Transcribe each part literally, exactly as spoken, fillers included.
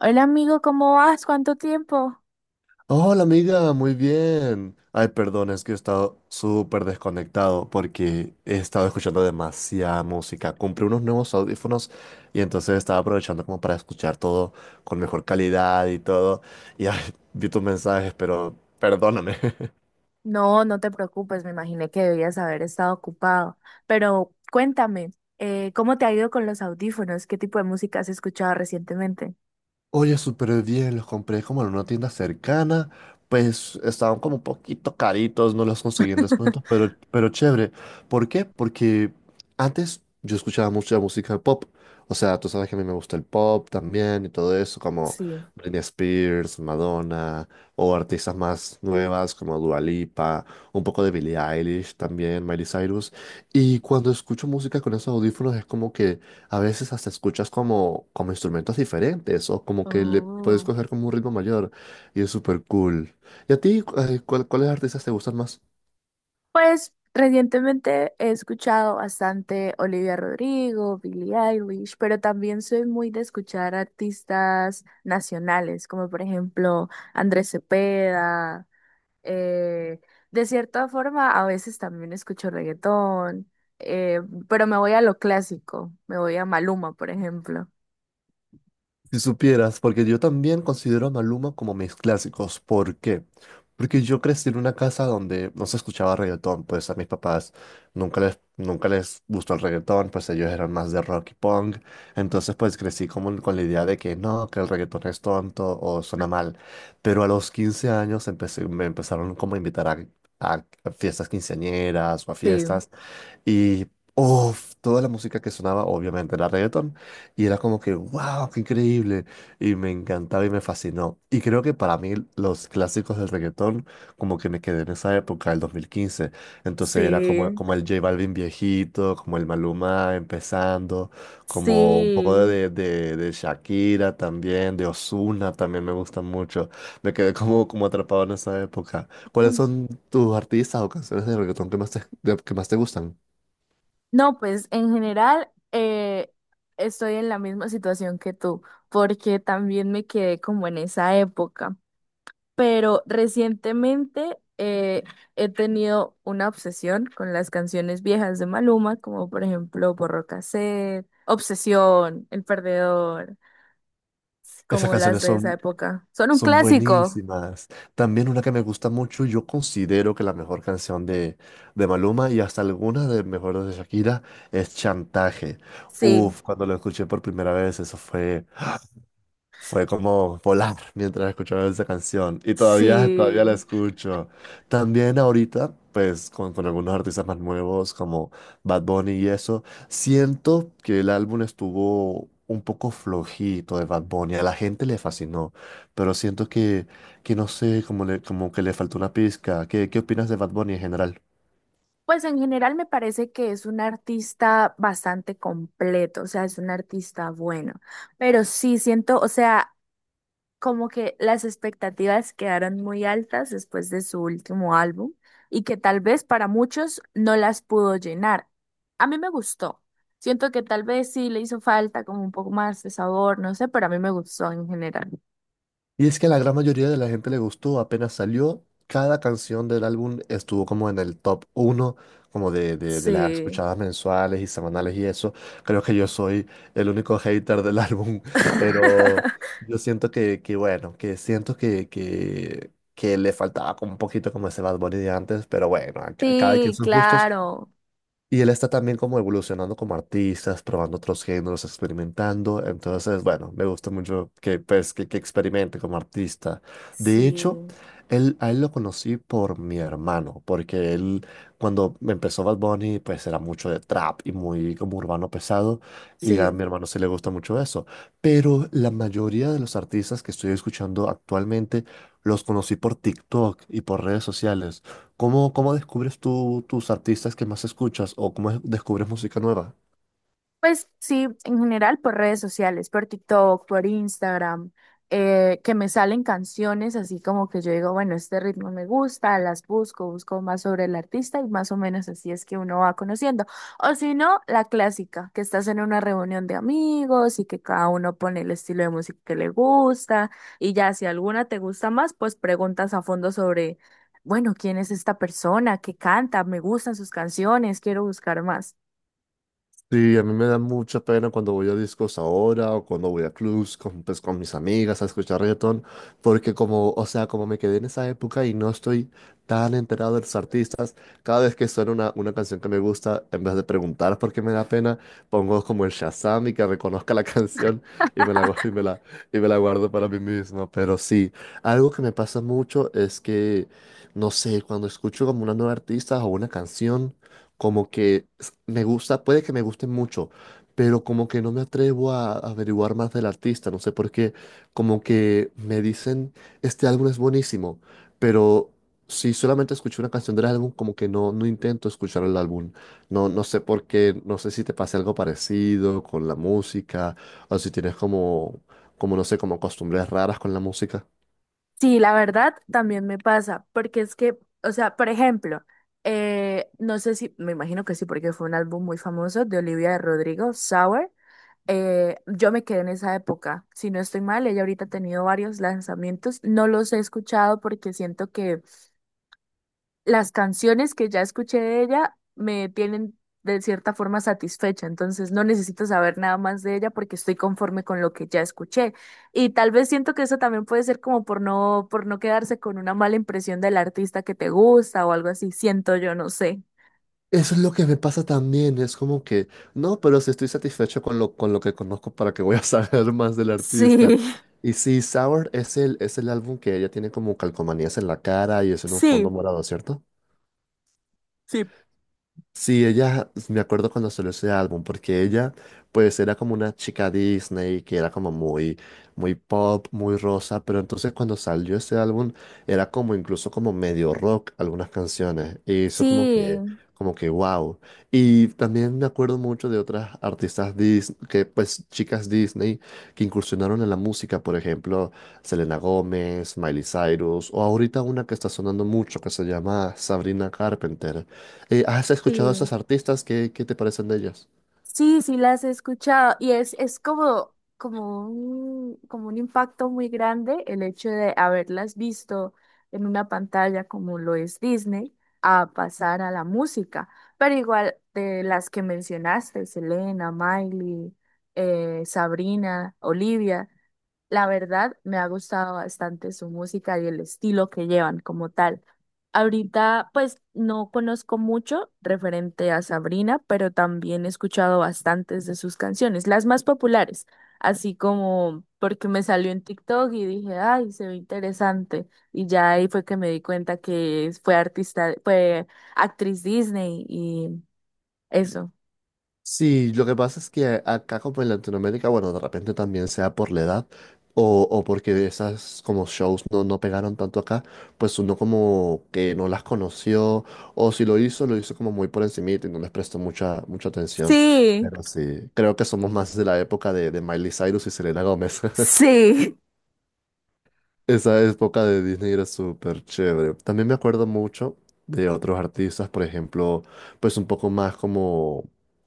Hola amigo, ¿cómo vas? ¿Cuánto tiempo? Hola amiga, muy bien. Ay, perdón, es que he estado súper desconectado porque he estado escuchando demasiada música. Compré unos nuevos audífonos y entonces estaba aprovechando como para escuchar todo con mejor calidad y todo. Y ay, vi tus mensajes, pero perdóname. No, no te preocupes, me imaginé que debías haber estado ocupado. Pero cuéntame, eh, ¿cómo te ha ido con los audífonos? ¿Qué tipo de música has escuchado recientemente? Oye, súper bien, los compré como en una tienda cercana, pues estaban como un poquito caritos, no los conseguí en descuento, pero, pero chévere. ¿Por qué? Porque antes yo escuchaba mucha música pop, o sea, tú sabes que a mí me gusta el pop también y todo eso, como Sí. Britney Spears, Madonna, o artistas más nuevas como Dua Lipa, un poco de Billie Eilish también, Miley Cyrus, y cuando escucho música con esos audífonos es como que a veces hasta escuchas como, como instrumentos diferentes o como que le puedes Oh. coger como un ritmo mayor y es súper cool. ¿Y a ti, eh, cuál- cuáles artistas te gustan más? Pues recientemente he escuchado bastante Olivia Rodrigo, Billie Eilish, pero también soy muy de escuchar artistas nacionales, como por ejemplo Andrés Cepeda. Eh, de cierta forma, a veces también escucho reggaetón, eh, pero me voy a lo clásico, me voy a Maluma, por ejemplo. Si supieras, porque yo también considero a Maluma como mis clásicos. ¿Por qué? Porque yo crecí en una casa donde no se escuchaba reggaetón, pues a mis papás nunca les, nunca les gustó el reggaetón, pues ellos eran más de rock y punk. Entonces pues crecí como con la idea de que no, que el reggaetón es tonto o suena mal. Pero a los quince años empecé, me empezaron como a invitar a, a, fiestas quinceañeras o a Sí, fiestas y. Uf, toda la música que sonaba obviamente era reggaetón. Y era como que, wow, qué increíble. Y me encantaba y me fascinó. Y creo que para mí los clásicos del reggaetón, como que me quedé en esa época, el dos mil quince. Entonces era como, sí, como el J Balvin viejito, como el Maluma empezando, como un poco sí. de, de, de Shakira también, de Ozuna también me gusta mucho. Me quedé como, como atrapado en esa época. ¿Cuáles Mm. son tus artistas o canciones de reggaetón que más te, que más te gustan? No, pues en general, eh, estoy en la misma situación que tú, porque también me quedé como en esa época. Pero recientemente, eh, he tenido una obsesión con las canciones viejas de Maluma, como por ejemplo Porro Cassette, Obsesión, El Perdedor, Esas como las canciones de esa son época. Son un Son clásico, buenísimas. También una que me gusta mucho, yo considero que la mejor canción de, de, Maluma y hasta algunas de mejores de Shakira es Chantaje. sí, Uf, cuando lo escuché por primera vez, eso fue fue como volar mientras escuchaba esa canción y todavía, todavía la sí. escucho. También ahorita, pues con, con algunos artistas más nuevos como Bad Bunny y eso, siento que el álbum estuvo un poco flojito de Bad Bunny. A la gente le fascinó, pero siento que, que no sé, como, le, como que le faltó una pizca. ¿Qué, qué opinas de Bad Bunny en general? Pues en general me parece que es un artista bastante completo, o sea, es un artista bueno, pero sí siento, o sea, como que las expectativas quedaron muy altas después de su último álbum y que tal vez para muchos no las pudo llenar. A mí me gustó. Siento que tal vez sí le hizo falta como un poco más de sabor, no sé, pero a mí me gustó en general. Y es que a la gran mayoría de la gente le gustó, apenas salió, cada canción del álbum estuvo como en el top uno como de, de, de las Sí. escuchadas mensuales y semanales y eso. Creo que yo soy el único hater del álbum, pero yo siento que, que bueno, que siento que, que, que le faltaba como un poquito como ese Bad Bunny de antes, pero bueno, a ca- cada quien Sí, sus gustos. claro. Y él está también como evolucionando como artista, probando otros géneros, experimentando. Entonces, bueno, me gusta mucho que, pues, que, que experimente como artista. De hecho, Sí, él, a él lo conocí por mi hermano, porque él, cuando empezó Bad Bunny, pues era mucho de trap y muy como urbano pesado. Y a sí. mi hermano sí le gusta mucho eso. Pero la mayoría de los artistas que estoy escuchando actualmente los conocí por TikTok y por redes sociales. ¿Cómo, cómo descubres tú tus artistas que más escuchas o cómo es- descubres música nueva? Pues sí, en general por redes sociales, por TikTok, por Instagram, eh, que me salen canciones así como que yo digo, bueno, este ritmo me gusta, las busco, busco más sobre el artista y más o menos así es que uno va conociendo. O si no, la clásica, que estás en una reunión de amigos y que cada uno pone el estilo de música que le gusta y ya si alguna te gusta más, pues preguntas a fondo sobre, bueno, ¿quién es esta persona? ¿Qué canta? ¿Me gustan sus canciones? Quiero buscar más. Sí, a mí me da mucha pena cuando voy a discos ahora o cuando voy a clubs con, pues, con, mis amigas a escuchar reggaetón, porque como, o sea, como me quedé en esa época y no estoy tan enterado de los artistas, cada vez que suena una, una canción que me gusta, en vez de preguntar por qué me da pena, pongo como el Shazam y que reconozca la canción y me la, gu- y me la, y me la guardo para mí mismo. Pero sí, algo que me pasa mucho es que, no sé, cuando escucho como una nueva artista o una canción, como que me gusta, puede que me guste mucho, pero como que no me atrevo a, a averiguar más del artista, no sé por qué, como que me dicen, este álbum es buenísimo, pero si solamente escuché una canción del álbum, como que no, no intento escuchar el álbum, no, no sé por qué, no sé si te pasa algo parecido con la música, o si tienes como, como no sé, como costumbres raras con la música. Sí, la verdad también me pasa, porque es que, o sea, por ejemplo, eh, no sé si, me imagino que sí, porque fue un álbum muy famoso de Olivia de Rodrigo, Sour. Eh, yo me quedé en esa época, si no estoy mal, ella ahorita ha tenido varios lanzamientos, no los he escuchado porque siento que las canciones que ya escuché de ella me tienen de cierta forma satisfecha, entonces no necesito saber nada más de ella porque estoy conforme con lo que ya escuché. Y tal vez siento que eso también puede ser como por no, por no, quedarse con una mala impresión del artista que te gusta o algo así, siento yo, no sé. Eso es lo que me pasa también, es como que, no, pero si estoy satisfecho con lo, con lo, que conozco, ¿para que voy a saber más del artista? Sí, Y sí, Sour es el, es el álbum que ella tiene como calcomanías en la cara y es en un fondo sí, morado, ¿cierto? sí, Sí, ella, me acuerdo cuando salió ese álbum, porque ella, pues, era como una chica Disney, que era como muy, muy pop, muy rosa, pero entonces cuando salió ese álbum, era como incluso como medio rock algunas canciones, y eso como sí, que, como que wow. Y también me acuerdo mucho de otras artistas Disney, que pues, chicas Disney, que incursionaron en la música, por ejemplo, Selena Gómez, Miley Cyrus, o ahorita una que está sonando mucho, que se llama Sabrina Carpenter. Eh, ¿has escuchado a sí. esas artistas? ¿Qué, qué te parecen de ellas? Sí, sí las he escuchado y es, es como, como un, como un impacto muy grande el hecho de haberlas visto en una pantalla como lo es Disney a pasar a la música. Pero igual de las que mencionaste, Selena, Miley, eh, Sabrina, Olivia. La verdad, me ha gustado bastante su música y el estilo que llevan como tal. Ahorita, pues, no conozco mucho referente a Sabrina, pero también he escuchado bastantes de sus canciones, las más populares, así como porque me salió en TikTok y dije, ay, se ve interesante. Y ya ahí fue que me di cuenta que fue artista, fue actriz Disney y eso. Sí, lo que pasa es que acá como en Latinoamérica, bueno, de repente también sea por la edad o, o, porque esas como shows no, no pegaron tanto acá, pues uno como que no las conoció o si lo hizo, lo hizo como muy por encimita y no les prestó mucha, mucha atención. Sí, Pero sí, creo que somos más de la época de, de Miley Cyrus y Selena Gómez. sí. Esa época de Disney era súper chévere. También me acuerdo mucho de otros artistas, por ejemplo, pues un poco más como,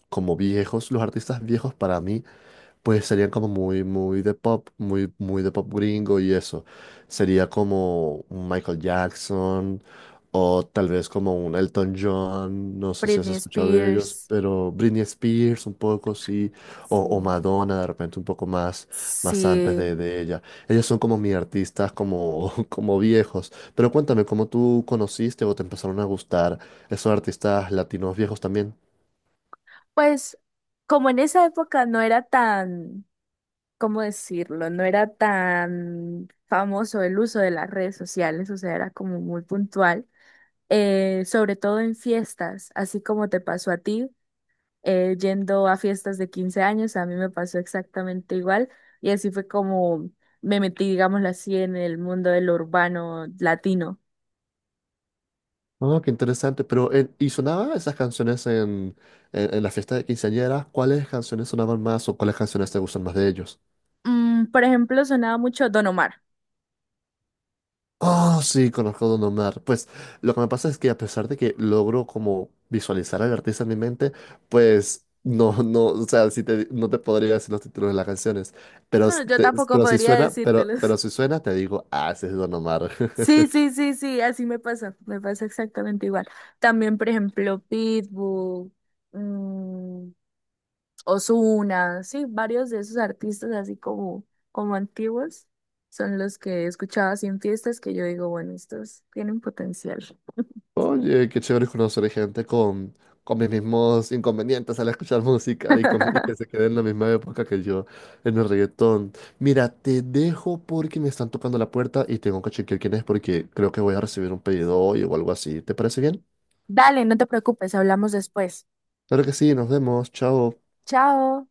como viejos. Los artistas viejos para mí, pues serían como muy, muy de pop, muy, muy de pop gringo y eso. Sería como un Michael Jackson o tal vez como un Elton John, no sé si has Britney escuchado de ellos, Spears, pero Britney Spears un poco, sí, o, o, sí, Madonna de repente un poco más, más antes sí. de de ella. Ellos son como mis artistas, como, como viejos. Pero cuéntame, ¿cómo tú conociste o te empezaron a gustar esos artistas latinos viejos también? Pues como en esa época no era tan, ¿cómo decirlo? No era tan famoso el uso de las redes sociales, o sea, era como muy puntual, eh, sobre todo en fiestas, así como te pasó a ti, eh, yendo a fiestas de quince años, a mí me pasó exactamente igual y así fue como me metí, digámoslo así, en el mundo del urbano latino. Ah, qué interesante. Pero, eh, ¿y sonaban esas canciones en, en, en la fiesta de quinceañera? ¿Cuáles canciones sonaban más o cuáles canciones te gustan más de ellos? Mm, por ejemplo, sonaba mucho Don Omar. Oh, sí, conozco a Don Omar. Pues lo que me pasa es que a pesar de que logro como visualizar al artista en mi mente, pues no, no, o sea, si te, no te podría decir los títulos de las canciones, pero, No, s- yo te- tampoco pero si podría suena, pero, decírtelo. pero si suena, te digo, ah, ese es Don Omar. Sí, sí, sí, sí, así me pasa, me pasa exactamente igual. También, por ejemplo, Pitbull, mm, Ozuna, sí, varios de esos artistas así como, como antiguos son los que escuchaba así en fiestas que yo digo, bueno, estos tienen potencial. Oye, qué chévere es conocer gente con, con, mis mismos inconvenientes al escuchar música y, con- y que se quede en la misma época que yo en el reggaetón. Mira, te dejo porque me están tocando la puerta y tengo que chequear quién es porque creo que voy a recibir un pedido hoy o algo así. ¿Te parece bien? Dale, no te preocupes, hablamos después. Claro que sí, nos vemos, chao. Chao.